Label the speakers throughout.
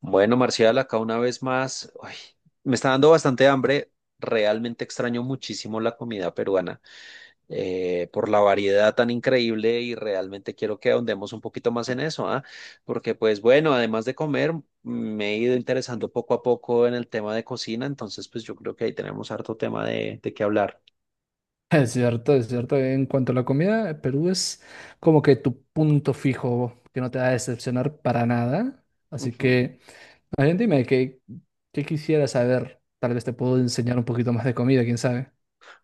Speaker 1: Bueno, Marcial, acá una vez más, me está dando bastante hambre. Realmente extraño muchísimo la comida peruana por la variedad tan increíble y realmente quiero que ahondemos un poquito más en eso, ¿ah? Porque pues bueno, además de comer, me he ido interesando poco a poco en el tema de cocina, entonces pues yo creo que ahí tenemos harto tema de qué hablar.
Speaker 2: Es cierto, es cierto. En cuanto a la comida, Perú es como que tu punto fijo que no te va a decepcionar para nada. Así
Speaker 1: Ujú.
Speaker 2: que, a ver, dime, ¿qué quisieras saber? Tal vez te puedo enseñar un poquito más de comida, quién sabe.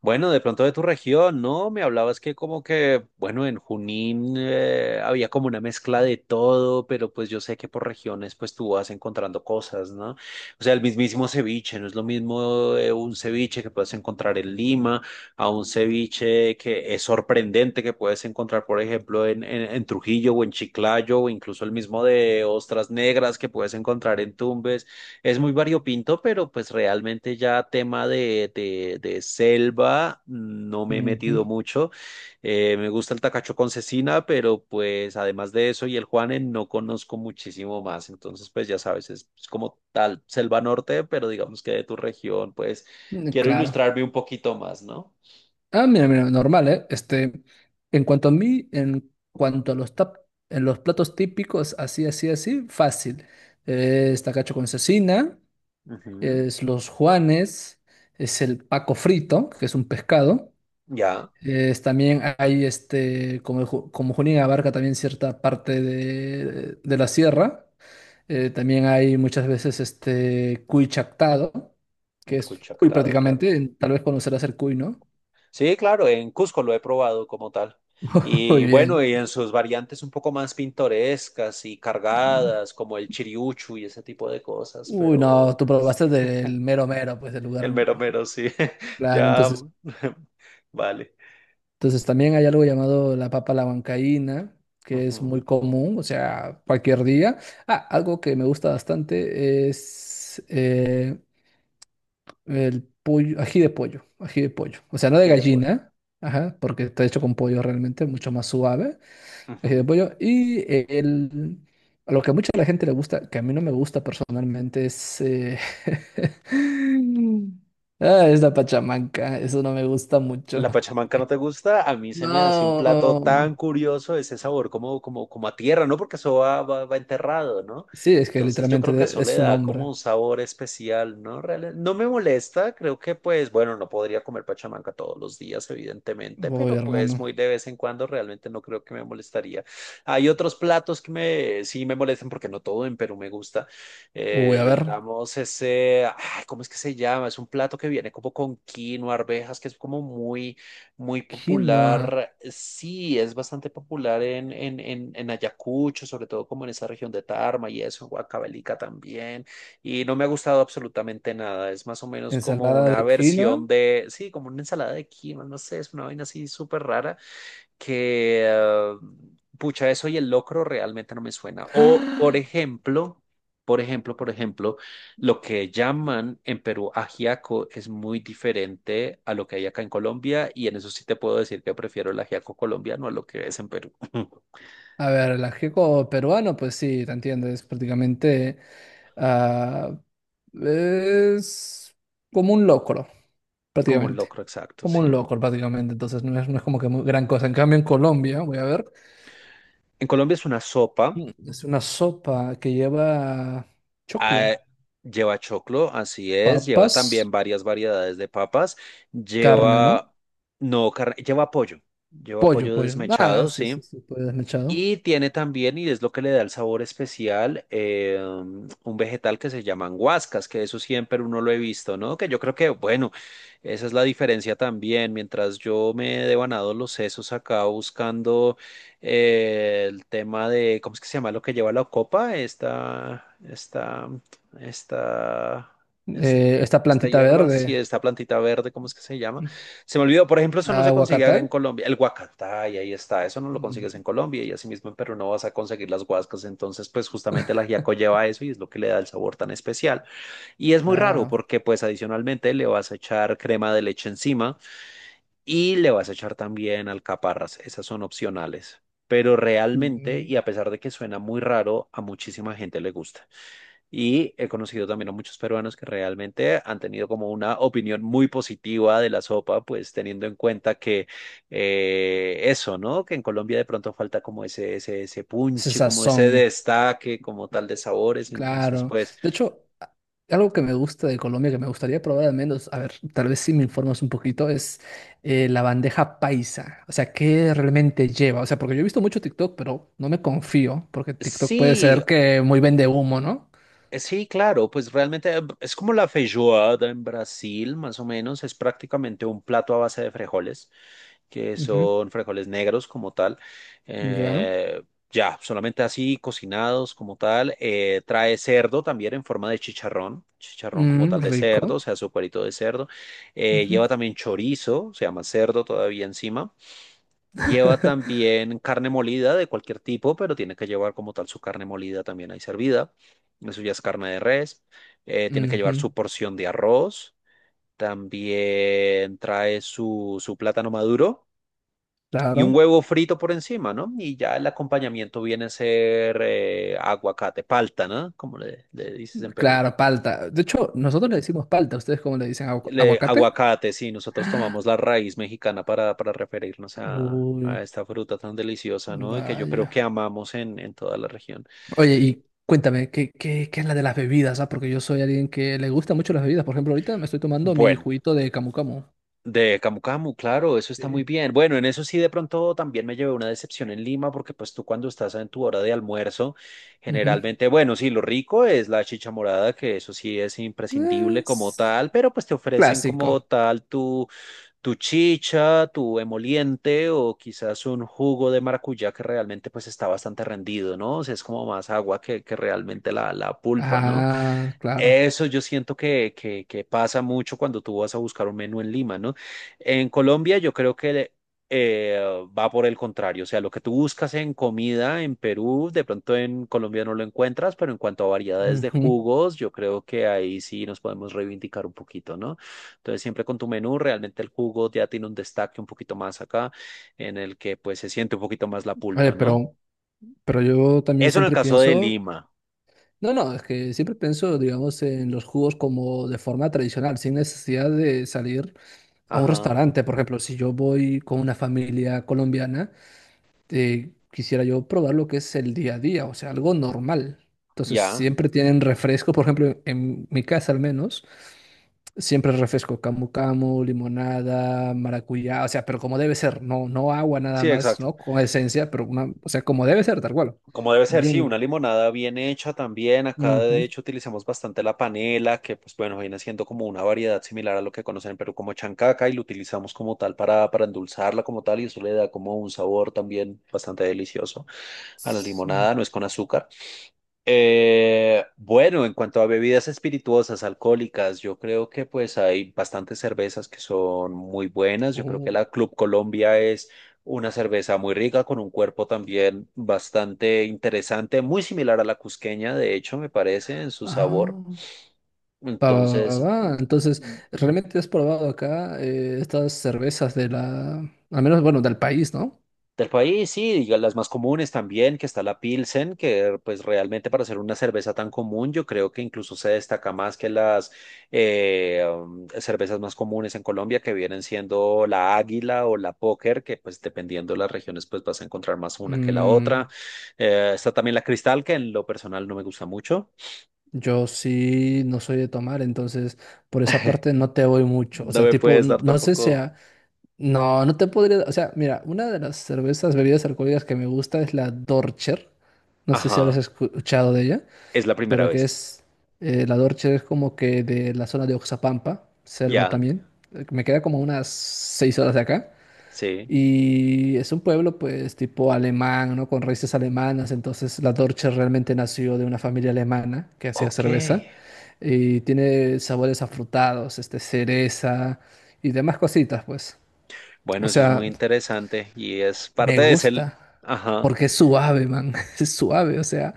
Speaker 1: Bueno, de pronto de tu región, ¿no? Me hablabas que como que, bueno, en Junín había como una mezcla de todo, pero pues yo sé que por regiones pues tú vas encontrando cosas, ¿no? O sea, el mismísimo ceviche, no es lo mismo un ceviche que puedes encontrar en Lima a un ceviche que es sorprendente que puedes encontrar, por ejemplo, en Trujillo o en Chiclayo o incluso el mismo de ostras negras que puedes encontrar en Tumbes. Es muy variopinto, pero pues realmente ya tema de selva no me he metido
Speaker 2: Ujú.
Speaker 1: mucho. Me gusta el tacacho con cecina, pero pues además de eso y el Juane no conozco muchísimo más. Entonces pues ya sabes, es como tal selva norte, pero digamos que de tu región, pues
Speaker 2: Mm,
Speaker 1: quiero
Speaker 2: Claro.
Speaker 1: ilustrarme un poquito más, ¿no?
Speaker 2: Ah, mira, normal, ¿eh? En cuanto a mí, en cuanto a los tap- en los platos típicos, así, así, así, fácil. Es tacacho con cecina,
Speaker 1: Ujú.
Speaker 2: es los juanes, es el paco frito, que es un pescado.
Speaker 1: Ya,
Speaker 2: También hay, como, como Junín abarca también cierta parte de la sierra, también hay muchas veces cuy chactado, que
Speaker 1: el
Speaker 2: es
Speaker 1: cuy
Speaker 2: cuy
Speaker 1: chactado, claro.
Speaker 2: prácticamente. Tal vez conocerás el cuy, ¿no?
Speaker 1: Sí, claro, en Cusco lo he probado como tal.
Speaker 2: Muy
Speaker 1: Y bueno,
Speaker 2: bien.
Speaker 1: y en sus variantes un poco más pintorescas y
Speaker 2: Mm.
Speaker 1: cargadas, como el chiriuchu y ese tipo de cosas,
Speaker 2: Uy, no, tú
Speaker 1: pero sí,
Speaker 2: probaste del mero mero, pues del lugar,
Speaker 1: el mero mero, sí,
Speaker 2: claro.
Speaker 1: ya,
Speaker 2: Entonces,
Speaker 1: vale.
Speaker 2: entonces también hay algo llamado la papa a la huancaína, que es
Speaker 1: Ujú.
Speaker 2: muy común, o sea, cualquier día. Ah, algo que me gusta bastante es el pollo, ají de pollo, ají de pollo. O sea, no de
Speaker 1: Ají de pollo.
Speaker 2: gallina, ajá, porque está hecho con pollo realmente, mucho más suave, ají de
Speaker 1: Ujú.
Speaker 2: pollo. Y el, a lo que a mucha la gente le gusta, que a mí no me gusta personalmente, ah, es la pachamanca, eso no me gusta mucho.
Speaker 1: La pachamanca no te gusta, a mí se me hace un plato
Speaker 2: No,
Speaker 1: tan curioso ese sabor como a tierra, ¿no? Porque eso va enterrado, ¿no?
Speaker 2: sí, es que
Speaker 1: Entonces yo
Speaker 2: literalmente
Speaker 1: creo que eso
Speaker 2: es
Speaker 1: le
Speaker 2: su
Speaker 1: da como
Speaker 2: nombre.
Speaker 1: un sabor especial, ¿no? Real- no me molesta, creo que pues, bueno, no podría comer pachamanca todos los días, evidentemente,
Speaker 2: Uy,
Speaker 1: pero pues
Speaker 2: hermano.
Speaker 1: muy de vez en cuando realmente no creo que me molestaría. Hay otros platos que sí me molestan porque no todo en Perú me gusta.
Speaker 2: Uy, a ver,
Speaker 1: Digamos, ese, ay, ¿cómo es que se llama? Es un plato que viene como con quinoa, arvejas, que es como muy
Speaker 2: quinoa,
Speaker 1: popular. Sí, es bastante popular en Ayacucho, sobre todo como en esa región de Tarma y eso, en Huancavelica también. Y no me ha gustado absolutamente nada. Es más o menos como
Speaker 2: ensalada
Speaker 1: una
Speaker 2: de quinoa.
Speaker 1: versión de, sí, como una ensalada de quinoa, no sé, es una vaina así súper rara que, pucha, eso y el locro realmente no me suena. O, por ejemplo, por ejemplo, por ejemplo, lo que llaman en Perú ajiaco es muy diferente a lo que hay acá en Colombia y en eso sí te puedo decir que prefiero el ajiaco colombiano a lo que es en Perú.
Speaker 2: A ver, el ajiaco peruano, pues sí, te entiendo, es prácticamente, ah, es como un locro,
Speaker 1: Como un
Speaker 2: prácticamente,
Speaker 1: locro, exacto,
Speaker 2: como un
Speaker 1: sí.
Speaker 2: locro prácticamente, entonces no es como que muy gran cosa. En cambio, en Colombia, voy a ver,
Speaker 1: En Colombia es una sopa,
Speaker 2: mm, es una sopa que lleva choclo,
Speaker 1: ah, lleva choclo, así es, lleva también
Speaker 2: papas,
Speaker 1: varias variedades de papas,
Speaker 2: carne, ¿no?
Speaker 1: lleva, no, carne, lleva
Speaker 2: Pollo,
Speaker 1: pollo
Speaker 2: pollo, ah,
Speaker 1: desmechado,
Speaker 2: sí, sí,
Speaker 1: sí.
Speaker 2: sí, pollo desmechado.
Speaker 1: Y tiene también, y es lo que le da el sabor especial, un vegetal que se llaman guascas, que eso siempre uno lo he visto, ¿no? Que yo creo que, bueno, esa es la diferencia también. Mientras yo me he devanado los sesos acá buscando el tema de, ¿cómo es que se llama lo que lleva la copa? Esta, es-
Speaker 2: Esta
Speaker 1: esta
Speaker 2: plantita
Speaker 1: hierba, sí,
Speaker 2: verde,
Speaker 1: esta plantita verde, ¿cómo es que se llama?
Speaker 2: mm,
Speaker 1: Se me olvidó, por ejemplo, eso no se consigue acá
Speaker 2: aguacatay,
Speaker 1: en Colombia. El guacatay, ahí está, eso no lo consigues en
Speaker 2: ujú,
Speaker 1: Colombia y así mismo en Perú no vas a conseguir las guascas. Entonces, pues justamente el ajiaco lleva eso y es lo que le da el sabor tan especial. Y es muy raro
Speaker 2: claro,
Speaker 1: porque pues adicionalmente le vas a echar crema de leche encima y le vas a echar también alcaparras, esas son opcionales. Pero realmente,
Speaker 2: mm,
Speaker 1: y a pesar de que suena muy raro, a muchísima gente le gusta. Y he conocido también a muchos peruanos que realmente han tenido como una opinión muy positiva de la sopa, pues teniendo en cuenta que eso, ¿no? Que en Colombia de pronto falta como ese
Speaker 2: ese
Speaker 1: punche, como ese
Speaker 2: sazón.
Speaker 1: destaque, como tal de sabores. Entonces,
Speaker 2: Claro.
Speaker 1: pues
Speaker 2: De hecho, algo que me gusta de Colombia, que me gustaría probar al menos, a ver, tal vez si me informas un poquito, es la bandeja paisa. O sea, ¿qué realmente lleva? O sea, porque yo he visto mucho TikTok, pero no me confío, porque TikTok puede
Speaker 1: sí.
Speaker 2: ser que muy vende humo, ¿no?
Speaker 1: Sí, claro, pues realmente es como la feijoada en Brasil, más o menos, es prácticamente un plato a base de frijoles, que
Speaker 2: Ujú.
Speaker 1: son frijoles negros como tal,
Speaker 2: Ya.
Speaker 1: eh, ya, solamente así cocinados como tal, trae cerdo también en forma de chicharrón, chicharrón como
Speaker 2: Mm,
Speaker 1: tal de cerdo, o
Speaker 2: rico.
Speaker 1: sea, su cuerito de cerdo,
Speaker 2: Ujú.
Speaker 1: lleva también chorizo, se llama cerdo todavía encima. Lleva también carne molida de cualquier tipo, pero tiene que llevar como tal su carne molida también ahí servida. Eso ya es carne de res. Tiene que
Speaker 2: Ujú.
Speaker 1: llevar su porción de arroz. También trae su plátano maduro y un
Speaker 2: Claro.
Speaker 1: huevo frito por encima, ¿no? Y ya el acompañamiento viene a ser aguacate, palta, ¿no? Como le dices en Perú.
Speaker 2: Claro, palta. De hecho, nosotros le decimos palta. ¿Ustedes cómo le dicen?
Speaker 1: Le-
Speaker 2: ¿Aguacate?
Speaker 1: aguacate, sí, nosotros tomamos la raíz mexicana para referirnos
Speaker 2: Uy,
Speaker 1: a esta fruta tan deliciosa, ¿no? Y que yo creo
Speaker 2: vaya.
Speaker 1: que amamos en toda la región.
Speaker 2: Oye, y cuéntame, ¿qué, qué es la de las bebidas? ¿Ah? Porque yo soy alguien que le gusta mucho las bebidas. Por ejemplo, ahorita me estoy tomando mi
Speaker 1: Bueno,
Speaker 2: juguito de camu camu.
Speaker 1: de Camu Camu, claro, eso está muy
Speaker 2: Sí.
Speaker 1: bien. Bueno, en eso sí, de pronto también me llevé una decepción en Lima, porque pues tú cuando estás en tu hora de almuerzo,
Speaker 2: Ujú.
Speaker 1: generalmente, bueno, sí, lo rico es la chicha morada, que eso sí es imprescindible como
Speaker 2: Es
Speaker 1: tal, pero pues te ofrecen
Speaker 2: clásico.
Speaker 1: como tal tu chicha, tu emoliente o quizás un jugo de maracuyá que realmente pues está bastante rendido, ¿no? O sea, es como más agua que realmente la pulpa, ¿no?
Speaker 2: Ah, claro.
Speaker 1: Eso yo siento que pasa mucho cuando tú vas a buscar un menú en Lima, ¿no? En Colombia yo creo que eh, va por el contrario, o sea, lo que tú buscas en comida en Perú, de pronto en Colombia no lo encuentras, pero en cuanto a variedades de
Speaker 2: Ujú.
Speaker 1: jugos, yo creo que ahí sí nos podemos reivindicar un poquito, ¿no? Entonces siempre con tu menú, realmente el jugo ya tiene un destaque un poquito más acá, en el que pues se siente un poquito más la
Speaker 2: Oye,
Speaker 1: pulpa, ¿no?
Speaker 2: pero yo también
Speaker 1: Eso en el
Speaker 2: siempre
Speaker 1: caso de
Speaker 2: pienso,
Speaker 1: Lima.
Speaker 2: no, no, es que siempre pienso, digamos, en los jugos como de forma tradicional, sin necesidad de salir a un
Speaker 1: Ajá,
Speaker 2: restaurante. Por ejemplo, si yo voy con una familia colombiana, quisiera yo probar lo que es el día a día, o sea, algo normal. Entonces,
Speaker 1: ya.
Speaker 2: siempre tienen refresco, por ejemplo, en mi casa al menos, siempre refresco camu camu, limonada, maracuyá, o sea, pero como debe ser, no, no agua nada
Speaker 1: Sí,
Speaker 2: más,
Speaker 1: exacto.
Speaker 2: ¿no? Con esencia, pero una, o sea, como debe ser, tal cual.
Speaker 1: Como debe ser, sí,
Speaker 2: Bien.
Speaker 1: una limonada bien hecha también. Acá de
Speaker 2: Ujú.
Speaker 1: hecho utilizamos bastante la panela, que pues bueno, viene siendo como una variedad similar a lo que conocen en Perú como chancaca y lo utilizamos como tal para endulzarla como tal y eso le da como un sabor también bastante delicioso a la limonada,
Speaker 2: Sí.
Speaker 1: no es con azúcar. Bueno, en cuanto a bebidas espirituosas, alcohólicas, yo creo que pues hay bastantes cervezas que son muy buenas. Yo creo que la
Speaker 2: Oh.
Speaker 1: Club Colombia es una cerveza muy rica, con un cuerpo también bastante interesante, muy similar a la cusqueña, de hecho, me parece, en su sabor.
Speaker 2: Ah. Va, va, va, va,
Speaker 1: Entonces,
Speaker 2: va. Entonces, ¿realmente has probado acá estas cervezas de la, al menos, bueno, del país, ¿no?
Speaker 1: del país, sí, diga, las más comunes también, que está la Pilsen, que pues realmente para hacer una cerveza tan común, yo creo que incluso se destaca más que las cervezas más comunes en Colombia, que vienen siendo la Águila o la Póker, que pues dependiendo de las regiones pues vas a encontrar más una que la
Speaker 2: Mm,
Speaker 1: otra. Está también la Cristal, que en lo personal no me gusta mucho.
Speaker 2: Yo sí no soy de tomar, entonces por esa parte no te voy mucho. O
Speaker 1: No
Speaker 2: sea,
Speaker 1: me
Speaker 2: tipo,
Speaker 1: puedes dar
Speaker 2: no sé si
Speaker 1: tampoco.
Speaker 2: sea, no, no te podría, o sea, mira, una de las cervezas, bebidas alcohólicas que me gusta es la Dorcher. No sé si habrás
Speaker 1: Ajá,
Speaker 2: escuchado de ella,
Speaker 1: es la primera
Speaker 2: pero que
Speaker 1: vez.
Speaker 2: es, la Dorcher es como que de la zona de Oxapampa, selva
Speaker 1: Ya,
Speaker 2: también. Me queda como unas 6 horas de acá.
Speaker 1: sí.
Speaker 2: Y es un pueblo, pues, tipo alemán, ¿no? Con raíces alemanas. Entonces, la Dorche realmente nació de una familia alemana que hacía
Speaker 1: Ok.
Speaker 2: cerveza. Y tiene sabores afrutados, este, cereza y demás cositas, pues. O
Speaker 1: Bueno, eso es
Speaker 2: sea,
Speaker 1: muy interesante y es parte
Speaker 2: me
Speaker 1: de ese,
Speaker 2: gusta
Speaker 1: ajá,
Speaker 2: porque es suave, man. Es suave, o sea,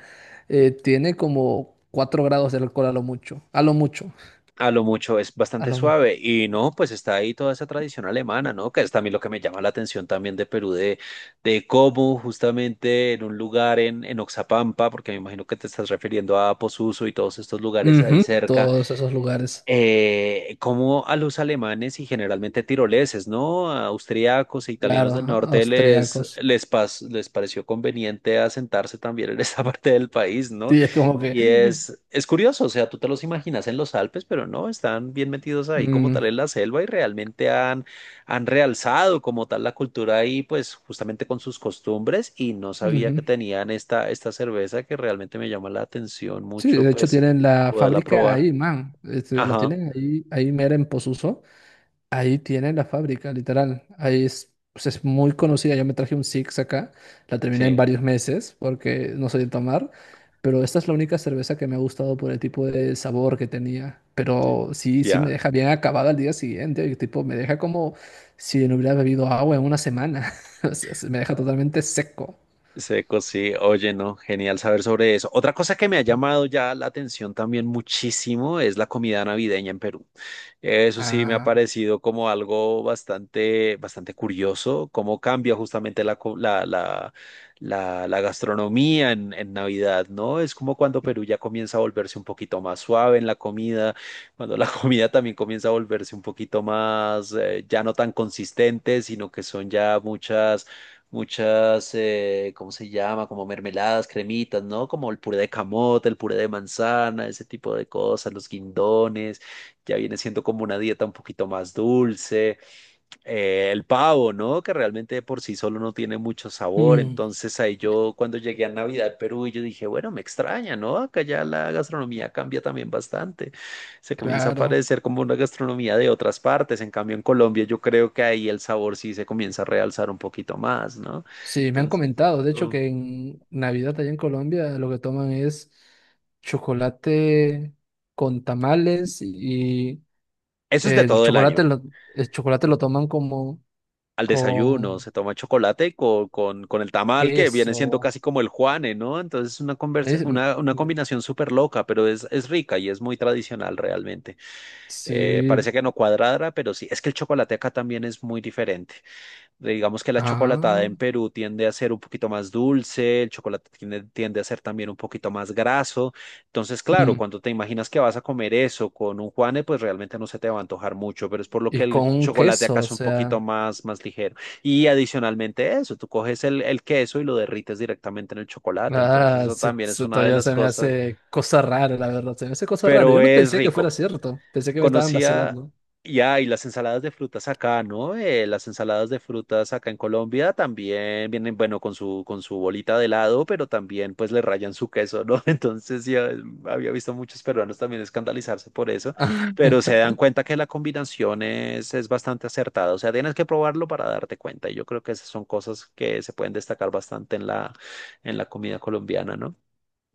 Speaker 2: tiene como 4 grados de alcohol a lo mucho. A lo mucho.
Speaker 1: a lo mucho es
Speaker 2: A
Speaker 1: bastante
Speaker 2: lo mu-
Speaker 1: suave y no, pues está ahí toda esa tradición alemana, ¿no? Que es también lo que me llama la atención también de Perú, de cómo justamente en un lugar en Oxapampa, porque me imagino que te estás refiriendo a Posuso y todos estos lugares ahí
Speaker 2: Ujú,
Speaker 1: cerca,
Speaker 2: Todos esos lugares.
Speaker 1: como a los alemanes y generalmente tiroleses, ¿no? A austriacos e italianos
Speaker 2: Claro,
Speaker 1: del norte
Speaker 2: austriacos.
Speaker 1: les pareció conveniente asentarse también en esa parte del país, ¿no?
Speaker 2: Sí, es como que.
Speaker 1: Y es curioso, o sea, tú te los imaginas en los Alpes, pero no, están bien metidos ahí como
Speaker 2: Mm,
Speaker 1: tal en la selva y realmente han realzado como tal la cultura ahí, pues justamente con sus costumbres y no sabía que
Speaker 2: Ujú.
Speaker 1: tenían esta cerveza que realmente me llama la atención
Speaker 2: Sí,
Speaker 1: mucho,
Speaker 2: de hecho
Speaker 1: pues
Speaker 2: tienen la
Speaker 1: poderla
Speaker 2: fábrica
Speaker 1: probar.
Speaker 2: ahí, man. Este, la
Speaker 1: Ajá.
Speaker 2: tienen ahí, ahí mera en Posuso. Ahí tienen la fábrica, literal. Ahí es, pues es muy conocida. Yo me traje un Six acá. La terminé en
Speaker 1: Sí,
Speaker 2: varios meses porque no soy de tomar. Pero esta es la única cerveza que me ha gustado por el tipo de sabor que tenía. Pero sí, sí me
Speaker 1: ya,
Speaker 2: deja bien acabada al día siguiente. Y Tipo, me deja como si no hubiera bebido agua en una semana. O sea, se me deja totalmente seco.
Speaker 1: seco, sí. Oye, no, genial saber sobre eso. Otra cosa que me ha llamado ya la atención también muchísimo es la comida navideña en Perú. Eso sí me ha
Speaker 2: Ah,
Speaker 1: parecido como algo bastante, bastante curioso, cómo cambia justamente la, co- la gastronomía en Navidad, ¿no? Es como cuando Perú ya comienza a volverse un poquito más suave en la comida, cuando la comida también comienza a volverse un poquito más, ya no tan consistente, sino que son ya ¿cómo se llama? Como mermeladas, cremitas, ¿no? Como el puré de camote, el puré de manzana, ese tipo de cosas, los guindones, ya viene siendo como una dieta un poquito más dulce el pavo, ¿no? Que realmente por sí solo no tiene mucho sabor.
Speaker 2: mm,
Speaker 1: Entonces ahí yo cuando llegué a Navidad, Perú, yo dije, bueno, me extraña, ¿no? Acá ya la gastronomía cambia también bastante. Se comienza a
Speaker 2: claro.
Speaker 1: parecer como una gastronomía de otras partes. En cambio, en Colombia yo creo que ahí el sabor sí se comienza a realzar un poquito más, ¿no?
Speaker 2: Sí, me han
Speaker 1: Entonces,
Speaker 2: comentado, de hecho,
Speaker 1: esto-
Speaker 2: que en Navidad allá en Colombia lo que toman es chocolate con tamales y
Speaker 1: eso es de
Speaker 2: el
Speaker 1: todo el
Speaker 2: chocolate
Speaker 1: año.
Speaker 2: lo, el chocolate lo toman como
Speaker 1: Al desayuno,
Speaker 2: con
Speaker 1: se toma chocolate con el tamal, que viene siendo
Speaker 2: queso.
Speaker 1: casi como el Juane, ¿no? Entonces es
Speaker 2: Es-
Speaker 1: una combinación súper loca, pero es rica y es muy tradicional realmente.
Speaker 2: Sí,
Speaker 1: Parece que no cuadrada, pero sí, es que el chocolate acá también es muy diferente. Digamos que la chocolatada
Speaker 2: ah,
Speaker 1: en Perú tiende a ser un poquito más dulce, el chocolate tiende a ser también un poquito más graso. Entonces, claro,
Speaker 2: mm,
Speaker 1: cuando te imaginas que vas a comer eso con un Juane, pues realmente no se te va a antojar mucho, pero es por lo que
Speaker 2: y
Speaker 1: el
Speaker 2: con un
Speaker 1: chocolate
Speaker 2: queso,
Speaker 1: acá
Speaker 2: o
Speaker 1: es un poquito
Speaker 2: sea,
Speaker 1: más, más ligero. Y adicionalmente eso, tú coges el queso y lo derrites directamente en el chocolate. Entonces,
Speaker 2: ah,
Speaker 1: eso
Speaker 2: sí,
Speaker 1: también es
Speaker 2: sí,
Speaker 1: una de
Speaker 2: todavía
Speaker 1: las
Speaker 2: se me
Speaker 1: cosas,
Speaker 2: hace cosa rara, la verdad, se me hace cosa rara.
Speaker 1: pero
Speaker 2: Yo no
Speaker 1: es
Speaker 2: pensé que fuera
Speaker 1: rico.
Speaker 2: cierto, pensé que me estaban
Speaker 1: Conocía,
Speaker 2: vacilando.
Speaker 1: ya, y las ensaladas de frutas acá, ¿no? Las ensaladas de frutas acá en Colombia también vienen, bueno, con su bolita de helado, pero también pues le rayan su queso, ¿no? Entonces ya había visto muchos peruanos también escandalizarse por eso, pero se dan cuenta que la combinación es bastante acertada, o sea, tienes que probarlo para darte cuenta, y yo creo que esas son cosas que se pueden destacar bastante en en la comida colombiana, ¿no?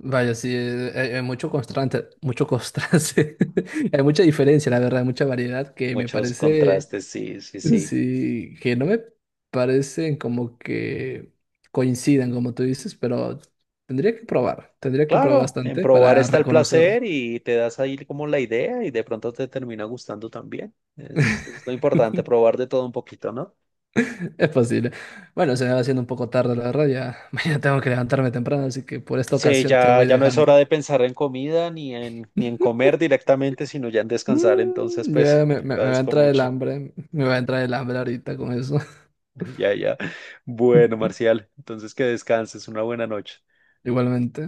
Speaker 2: Vaya, sí, hay, mucho constante, hay mucha diferencia, la verdad, mucha variedad que me
Speaker 1: Muchos
Speaker 2: parece,
Speaker 1: contrastes, sí, sí, sí.
Speaker 2: sí, que no me parecen como que coincidan, como tú dices, pero tendría que probar
Speaker 1: Claro, en
Speaker 2: bastante
Speaker 1: probar
Speaker 2: para
Speaker 1: está el
Speaker 2: reconocer.
Speaker 1: placer y te das ahí como la idea y de pronto te termina gustando también. Es lo importante, probar de todo un poquito, ¿no?
Speaker 2: Es posible. Bueno, se me va haciendo un poco tarde, la verdad, ya mañana tengo que levantarme temprano, así que por esta
Speaker 1: Sí,
Speaker 2: ocasión te
Speaker 1: ya,
Speaker 2: voy
Speaker 1: ya no es
Speaker 2: dejando.
Speaker 1: hora de pensar en comida ni en comer directamente, sino ya en descansar. Entonces,
Speaker 2: Mm,
Speaker 1: pues, te
Speaker 2: me va a
Speaker 1: agradezco
Speaker 2: entrar el
Speaker 1: mucho.
Speaker 2: hambre, me va a entrar el hambre ahorita con eso.
Speaker 1: Ya, ya. Bueno, Marcial, entonces que descanses. Una buena noche.
Speaker 2: Igualmente.